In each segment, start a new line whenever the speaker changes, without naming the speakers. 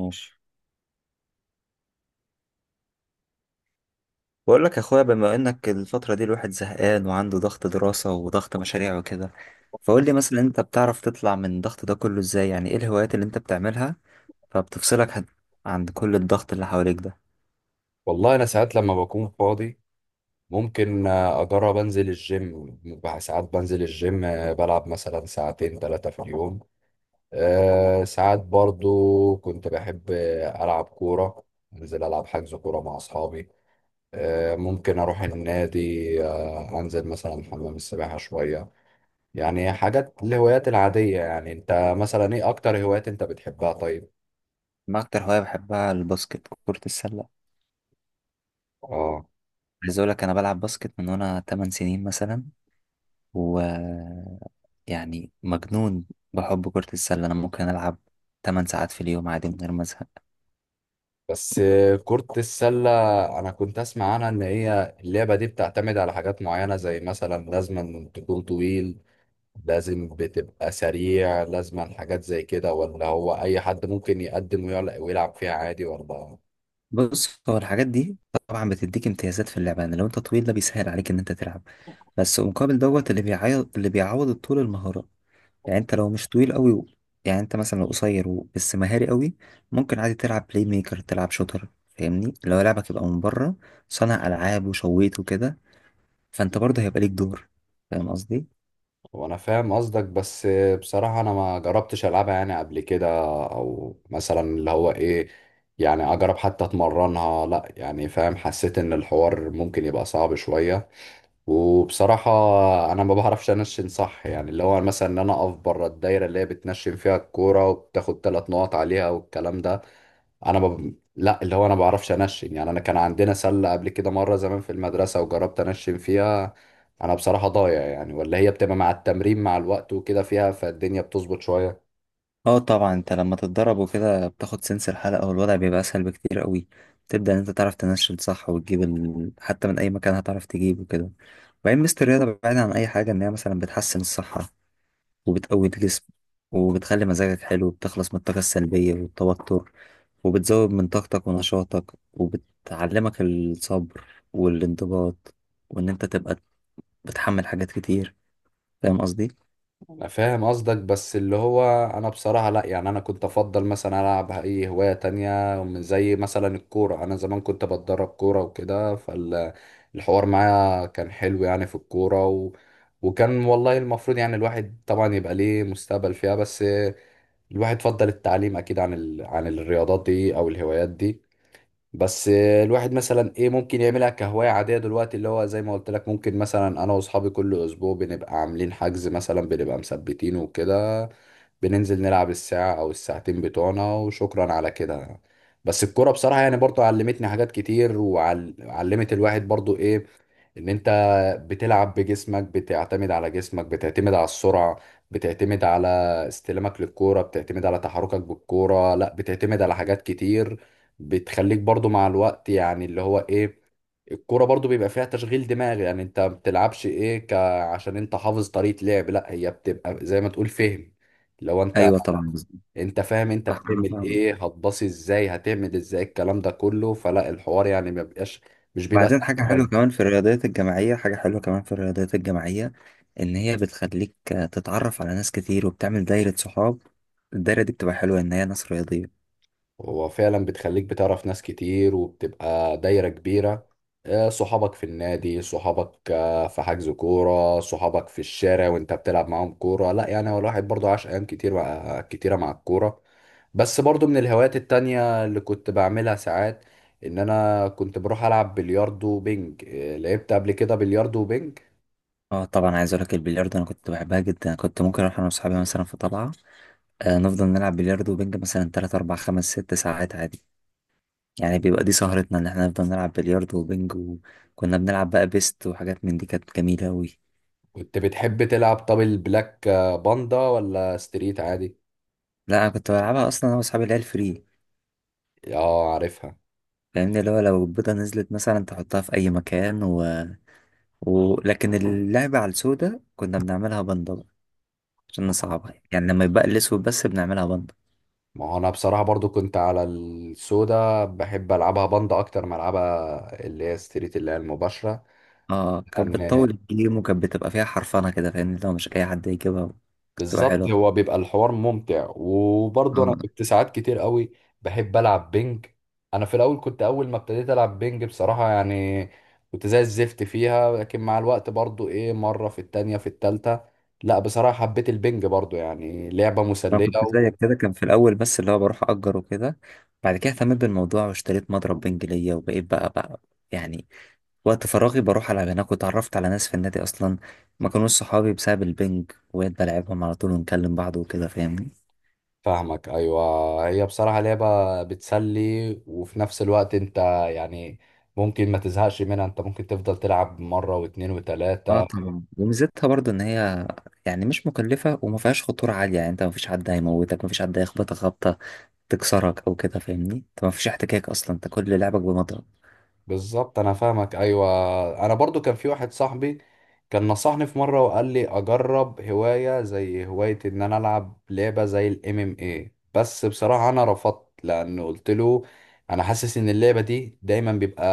ماشي. بقول لك يا اخويا، بما انك الفترة دي الواحد زهقان وعنده ضغط دراسة وضغط مشاريع وكده، فقول لي مثلا انت بتعرف تطلع من الضغط ده كله ازاي، يعني ايه الهوايات اللي انت بتعملها فبتفصلك عن كل الضغط اللي حواليك ده؟
والله انا ساعات لما بكون فاضي ممكن اجرب انزل الجيم. بقى ساعات بنزل الجيم، بلعب مثلا ساعتين 3 في اليوم. ساعات برضو كنت بحب العب كورة، انزل العب حجز كورة مع اصحابي. ممكن اروح النادي، انزل مثلا حمام السباحة شوية. يعني حاجات الهوايات العادية. يعني انت مثلا ايه اكتر هوايات انت بتحبها طيب؟
انا اكتر هواية بحبها الباسكت، كرة السلة.
اه،
عايز اقول لك انا بلعب باسكت من وانا 8 سنين مثلا، و يعني مجنون بحب كرة السلة. انا ممكن العب 8 ساعات في اليوم عادي من غير ما ازهق.
بس كرة السلة أنا كنت أسمع عنها إن هي اللعبة دي بتعتمد على حاجات معينة، زي مثلا لازم تكون طويل، لازم بتبقى سريع، لازم حاجات زي كده، ولا هو أي حد ممكن يقدم ويلعب فيها عادي ولا؟
بص، هو الحاجات دي طبعا بتديك امتيازات في اللعبة، يعني لو انت طويل ده بيسهل عليك ان انت تلعب. بس مقابل دوت اللي بيعوض الطول المهارة. يعني انت لو مش طويل قوي، يعني انت مثلا لو قصير، و... بس مهاري قوي ممكن عادي تلعب بلاي ميكر، تلعب شوتر. فاهمني، لو لعبك يبقى من بره صانع العاب وشويت وكده، فانت برضه هيبقى ليك دور. فاهم قصدي؟
وأنا فاهم قصدك، بس بصراحة أنا ما جربتش ألعبها يعني قبل كده، أو مثلا اللي هو إيه، يعني أجرب حتى أتمرنها، لأ يعني فاهم، حسيت إن الحوار ممكن يبقى صعب شوية. وبصراحة أنا ما بعرفش أنشن صح، يعني اللي هو مثلا إن أنا أقف بره الدايرة اللي هي بتنشن فيها الكورة وبتاخد 3 نقط عليها والكلام ده. أنا ب... لا اللي هو أنا ما بعرفش أنشن، يعني أنا كان عندنا سلة قبل كده مرة زمان في المدرسة وجربت أنشن فيها. أنا بصراحة ضايع، يعني ولا هي بتبقى مع التمرين مع الوقت وكده فيها، فالدنيا بتظبط شوية.
اه طبعا، انت لما تتدرب وكده بتاخد سنس الحلقة والوضع بيبقى اسهل بكتير قوي. تبدأ ان انت تعرف تنشل صح، وتجيب حتى من اي مكان هتعرف تجيب وكده. وبعدين ميزة الرياضة بعيدا عن اي حاجة ان هي مثلا بتحسن الصحة، وبتقوي الجسم، وبتخلي مزاجك حلو، وبتخلص من الطاقة السلبية والتوتر، وبتزود من طاقتك ونشاطك، وبتعلمك الصبر والانضباط، وان انت تبقى بتحمل حاجات كتير. فاهم قصدي؟
أنا فاهم قصدك بس اللي هو انا بصراحة لا، يعني انا كنت افضل مثلا العب اي هواية تانية ومن زي مثلا الكورة. انا زمان كنت بتدرب كورة وكده، فالحوار معايا كان حلو يعني في الكورة. وكان والله المفروض يعني الواحد طبعا يبقى ليه مستقبل فيها، بس الواحد فضل التعليم اكيد عن الرياضات دي او الهوايات دي. بس الواحد مثلا ايه ممكن يعملها كهواية عادية دلوقتي، اللي هو زي ما قلت لك ممكن مثلا انا واصحابي كل اسبوع بنبقى عاملين حجز مثلا، بنبقى مثبتينه وكده، بننزل نلعب الساعة او الساعتين بتوعنا، وشكرا على كده. بس الكورة بصراحة يعني برضو علمتني حاجات كتير، وعلمت الواحد برضو ايه، ان انت بتلعب بجسمك، بتعتمد على جسمك، بتعتمد على السرعة، بتعتمد على استلامك للكورة، بتعتمد على تحركك بالكورة، لا بتعتمد على حاجات كتير. بتخليك برضو مع الوقت يعني اللي هو ايه، الكورة برضو بيبقى فيها تشغيل دماغ. يعني انت ما بتلعبش ايه عشان انت حافظ طريقة لعب، لا هي بتبقى زي ما تقول فهم. لو انت
ايوه طبعا بالظبط.
انت فاهم انت
أنا
بتعمل
فاهم.
ايه، هتباصي ازاي، هتعمل ازاي الكلام ده كله، فلا الحوار يعني ما بيبقاش، مش بيبقى
بعدين
سهل
حاجة حلوة
دايما.
كمان في الرياضيات الجماعية، حاجة حلوة كمان في الرياضيات الجماعية، إن هي بتخليك تتعرف على ناس كتير وبتعمل دايرة صحاب. الدايرة دي بتبقى حلوة إن هي ناس رياضية.
هو فعلا بتخليك بتعرف ناس كتير وبتبقى دايرة كبيرة. صحابك في النادي، صحابك في حجز كورة، صحابك في الشارع وانت بتلعب معاهم كورة، لا يعني هو الواحد برضه عاش أيام كتير مع كتيرة مع الكورة. بس برضه من الهوايات التانية اللي كنت بعملها ساعات، إن أنا كنت بروح ألعب بلياردو وبينج. لعبت قبل كده بلياردو وبينج.
اه طبعا، عايز اقولك البلياردو انا كنت بحبها جدا، كنت ممكن اروح انا واصحابي مثلا في طلعه. آه، نفضل نلعب بلياردو وبنج مثلا 3 4 5 6 ساعات عادي. يعني بيبقى دي سهرتنا ان احنا نفضل نلعب بلياردو وبنج، وكنا بنلعب بقى بيست وحاجات من دي، كانت جميله قوي.
كنت بتحب تلعب طب البلاك باندا ولا ستريت عادي؟
لا، انا كنت بلعبها اصلا انا واصحابي اللي هي الفري.
اه، عارفها.
فاهمني، اللي هو لو البيضه نزلت مثلا تحطها في اي مكان. ولكن اللعبة على السوداء كنا بنعملها بندة بقى، عشان نصعبها، يعني لما يبقى الأسود بس بنعملها بندة.
ما هو انا بصراحة برضو كنت على السودا بحب العبها بند اكتر ما العبها اللي هي ستريت اللي هي المباشرة.
اه، كانت
لان
بتطول الجيم وكانت بتبقى فيها حرفنة كده، فاهمني لو مش أي حد يجيبها. بتبقى
بالظبط
حلوة،
هو بيبقى الحوار ممتع، وبرضو انا
اه.
كنت ساعات كتير قوي بحب العب بينج. انا في الاول كنت اول ما ابتديت العب بينج بصراحة يعني كنت زي الزفت فيها، لكن مع الوقت برضو ايه، مرة في التانية في التالتة، لا بصراحة حبيت البينج برضو، يعني لعبة
أنا
مسلية.
كنت زيك كده، كان في الأول بس اللي هو بروح أجر وكده. بعد كده اهتميت بالموضوع واشتريت مضرب بنج ليا، وبقيت بقى يعني وقت فراغي بروح ألعب هناك. واتعرفت على ناس في النادي أصلا ما كانوش صحابي بسبب البنج، وبقيت بلعبهم على طول ونكلم بعض وكده، فاهمني.
فاهمك ايوه، هي بصراحه لعبه بتسلي وفي نفس الوقت انت يعني ممكن ما تزهقش منها، انت ممكن تفضل تلعب مره واتنين
اه
وتلاته.
طبعا، وميزتها برضو ان هي يعني مش مكلفة وما فيهاش خطورة عالية. يعني انت ما فيش حد هيموتك، ما فيش حد هيخبطك خبطة تكسرك او كده، فاهمني، انت ما فيش احتكاك اصلا، انت كل لعبك بمضرب.
بالظبط انا فاهمك ايوه، انا برضو كان في واحد صاحبي كان نصحني في مره وقال لي اجرب هوايه زي هوايه ان انا العب لعبه زي الام ام اي، بس بصراحه انا رفضت لانه قلت له انا حاسس ان اللعبه دي دايما بيبقى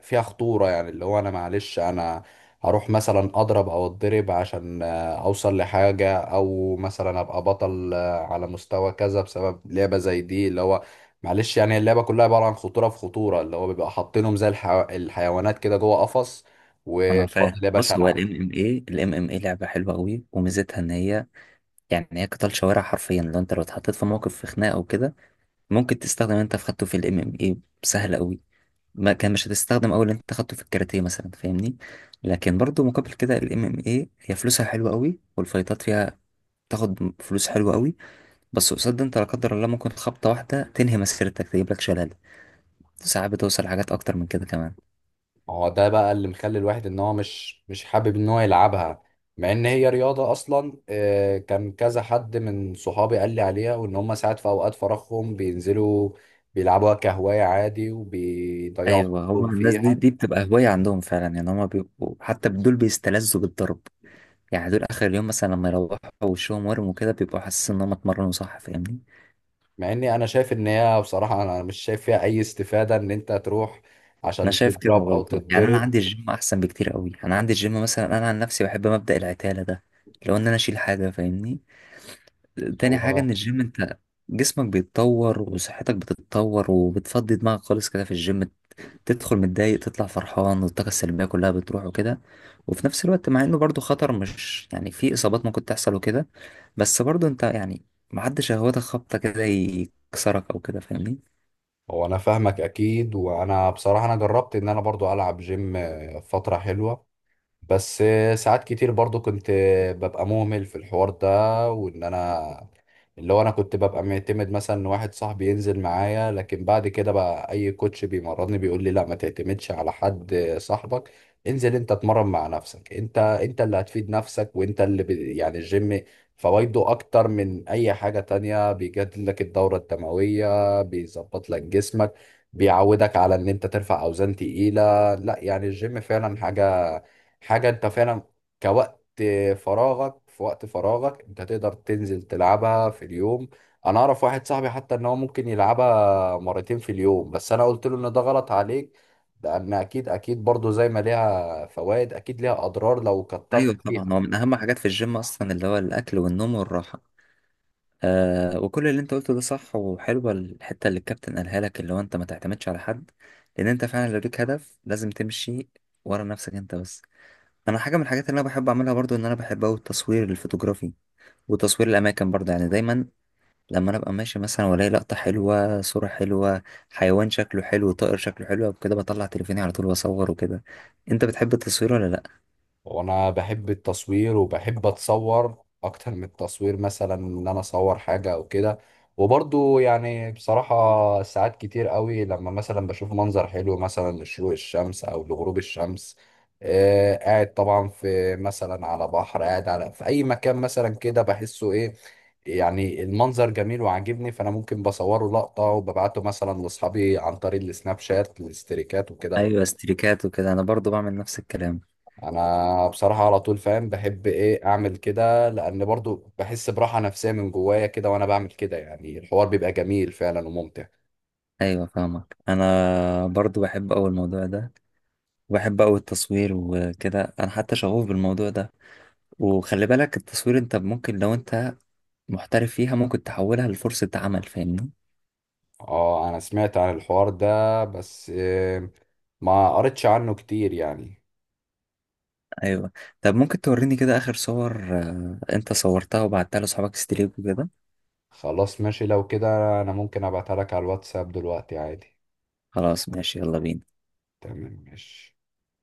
فيها خطوره، يعني اللي هو انا معلش انا هروح مثلا اضرب او اتضرب عشان اوصل لحاجه، او مثلا ابقى بطل على مستوى كذا بسبب لعبه زي دي، اللي هو معلش يعني اللعبة كلها عبارة عن خطورة في خطورة، اللي هو بيبقى حاطينهم زي الحيوانات كده جوه قفص،
انا فاهم.
واتفضل يا باشا
بص، هو
العب.
الام ام اي لعبة حلوة قوي وميزتها ان هي يعني هي قتال شوارع حرفيا. لو اتحطيت في موقف في خناقة او كده ممكن تستخدم انت في خدته في الام ام اي سهل قوي. ما كان مش هتستخدم اول انت خدته في الكاراتيه مثلا، فاهمني. لكن برضو مقابل كده الام ام اي هي فلوسها حلوه قوي، والفايتات فيها تاخد فلوس حلوة قوي. بس قصاد ده انت لا قدر الله ممكن خبطة واحدة تنهي مسيرتك تجيب لك شلل، ساعات بتوصل حاجات اكتر من كده كمان.
ما هو ده بقى اللي مخلي الواحد ان هو مش حابب ان هو يلعبها، مع ان هي رياضة اصلا. كان كذا حد من صحابي قال لي عليها، وان هم ساعات في اوقات فراغهم بينزلوا بيلعبوها كهواية عادي وبيضيعوا
ايوه، هو
وقتهم
الناس دي
فيها.
دي بتبقى هواية عندهم فعلا. يعني هما بيبقوا حتى دول بيستلذوا بالضرب، يعني دول اخر اليوم مثلا لما يروحوا وشهم ورم وكده بيبقوا حاسين ان هم اتمرنوا صح، فاهمني.
مع اني انا شايف ان هي، بصراحة انا مش شايف فيها اي استفادة ان انت تروح
انا
عشان
شايف كده
تضرب او
برضه، يعني انا
تتضرب.
عندي الجيم احسن بكتير قوي، انا عندي الجيم مثلا، انا عن نفسي بحب مبدأ العتالة ده، لو ان انا اشيل حاجة، فاهمني. تاني حاجة ان الجيم انت جسمك بيتطور وصحتك بتتطور وبتفضي دماغك خالص كده في الجيم، تدخل متضايق تطلع فرحان، والطاقة السلبية كلها بتروح وكده. وفي نفس الوقت مع انه برضه خطر، مش يعني في اصابات ممكن تحصل وكده، بس برضه انت يعني محدش هواده خبطة كده يكسرك او كده، فاهمني.
هو انا فاهمك اكيد، وانا بصراحه انا جربت ان انا برضو العب جيم فتره حلوه. بس ساعات كتير برضو كنت ببقى مهمل في الحوار ده، وان انا اللي هو انا كنت ببقى معتمد مثلا ان واحد صاحبي ينزل معايا، لكن بعد كده بقى اي كوتش بيمرضني بيقول لي لا ما تعتمدش على حد صاحبك، انزل انت اتمرن مع نفسك، انت اللي هتفيد نفسك، وانت اللي بي يعني الجيم فوائده اكتر من اي حاجة تانية، بيجدد لك الدورة الدموية، بيظبط لك جسمك، بيعودك على ان انت ترفع اوزان تقيلة، لا يعني الجيم فعلا حاجة، حاجة انت فعلا كوقت فراغك، في وقت فراغك انت تقدر تنزل تلعبها في اليوم. انا اعرف واحد صاحبي حتى ان هو ممكن يلعبها مرتين في اليوم، بس انا قلت له ان ده غلط عليك، لان اكيد اكيد برضو زي ما ليها فوائد اكيد ليها اضرار لو كترت
ايوه
فيها.
طبعا، هو من اهم حاجات في الجيم اصلا اللي هو الاكل والنوم والراحه. آه، وكل اللي انت قلته ده صح، وحلوه الحته اللي الكابتن قالها لك، اللي هو انت ما تعتمدش على حد. لان انت فعلا لو ليك هدف لازم تمشي ورا نفسك انت بس. انا حاجه من الحاجات اللي انا بحب اعملها برضو ان انا بحب اوي التصوير الفوتوغرافي وتصوير الاماكن برضو. يعني دايما لما انا ابقى ماشي مثلا والاقي لقطه حلوه، صوره حلوه، حيوان شكله حلو، طائر شكله حلو وكده، بطلع تليفوني على طول واصور وكده. انت بتحب التصوير ولا لا؟
وانا بحب التصوير وبحب اتصور اكتر من التصوير، مثلا ان انا اصور حاجة او كده. وبرضو يعني بصراحة ساعات كتير قوي لما مثلا بشوف منظر حلو مثلا لشروق الشمس او لغروب الشمس، قاعد طبعا في مثلا على بحر قاعد على في اي مكان مثلا كده، بحسه ايه يعني المنظر جميل وعاجبني، فانا ممكن بصوره لقطة وببعته مثلا لاصحابي عن طريق السناب شات الاستريكات وكده.
ايوه، استريكات وكده، انا برضو بعمل نفس الكلام.
انا بصراحه على طول فاهم بحب ايه اعمل كده، لان برضو بحس براحه نفسيه من جوايا كده وانا بعمل كده، يعني الحوار بيبقى جميل فعلا وممتع.
ايوه فاهمك، انا برضو بحب اوي الموضوع ده وبحب اوي التصوير وكده، انا حتى شغوف بالموضوع ده. وخلي بالك التصوير انت ممكن لو انت محترف فيها ممكن تحولها لفرصة عمل، فاهمني.
اه انا سمعت عن الحوار ده بس ما قريتش عنه كتير يعني.
ايوه، طب ممكن توريني كده اخر صور انت صورتها وبعتها لاصحابك ستريك وكده؟
خلاص ماشي لو كده، انا ممكن ابعتها لك على الواتساب دلوقتي عادي.
خلاص ماشي، يلا بينا.
تمام ماشي.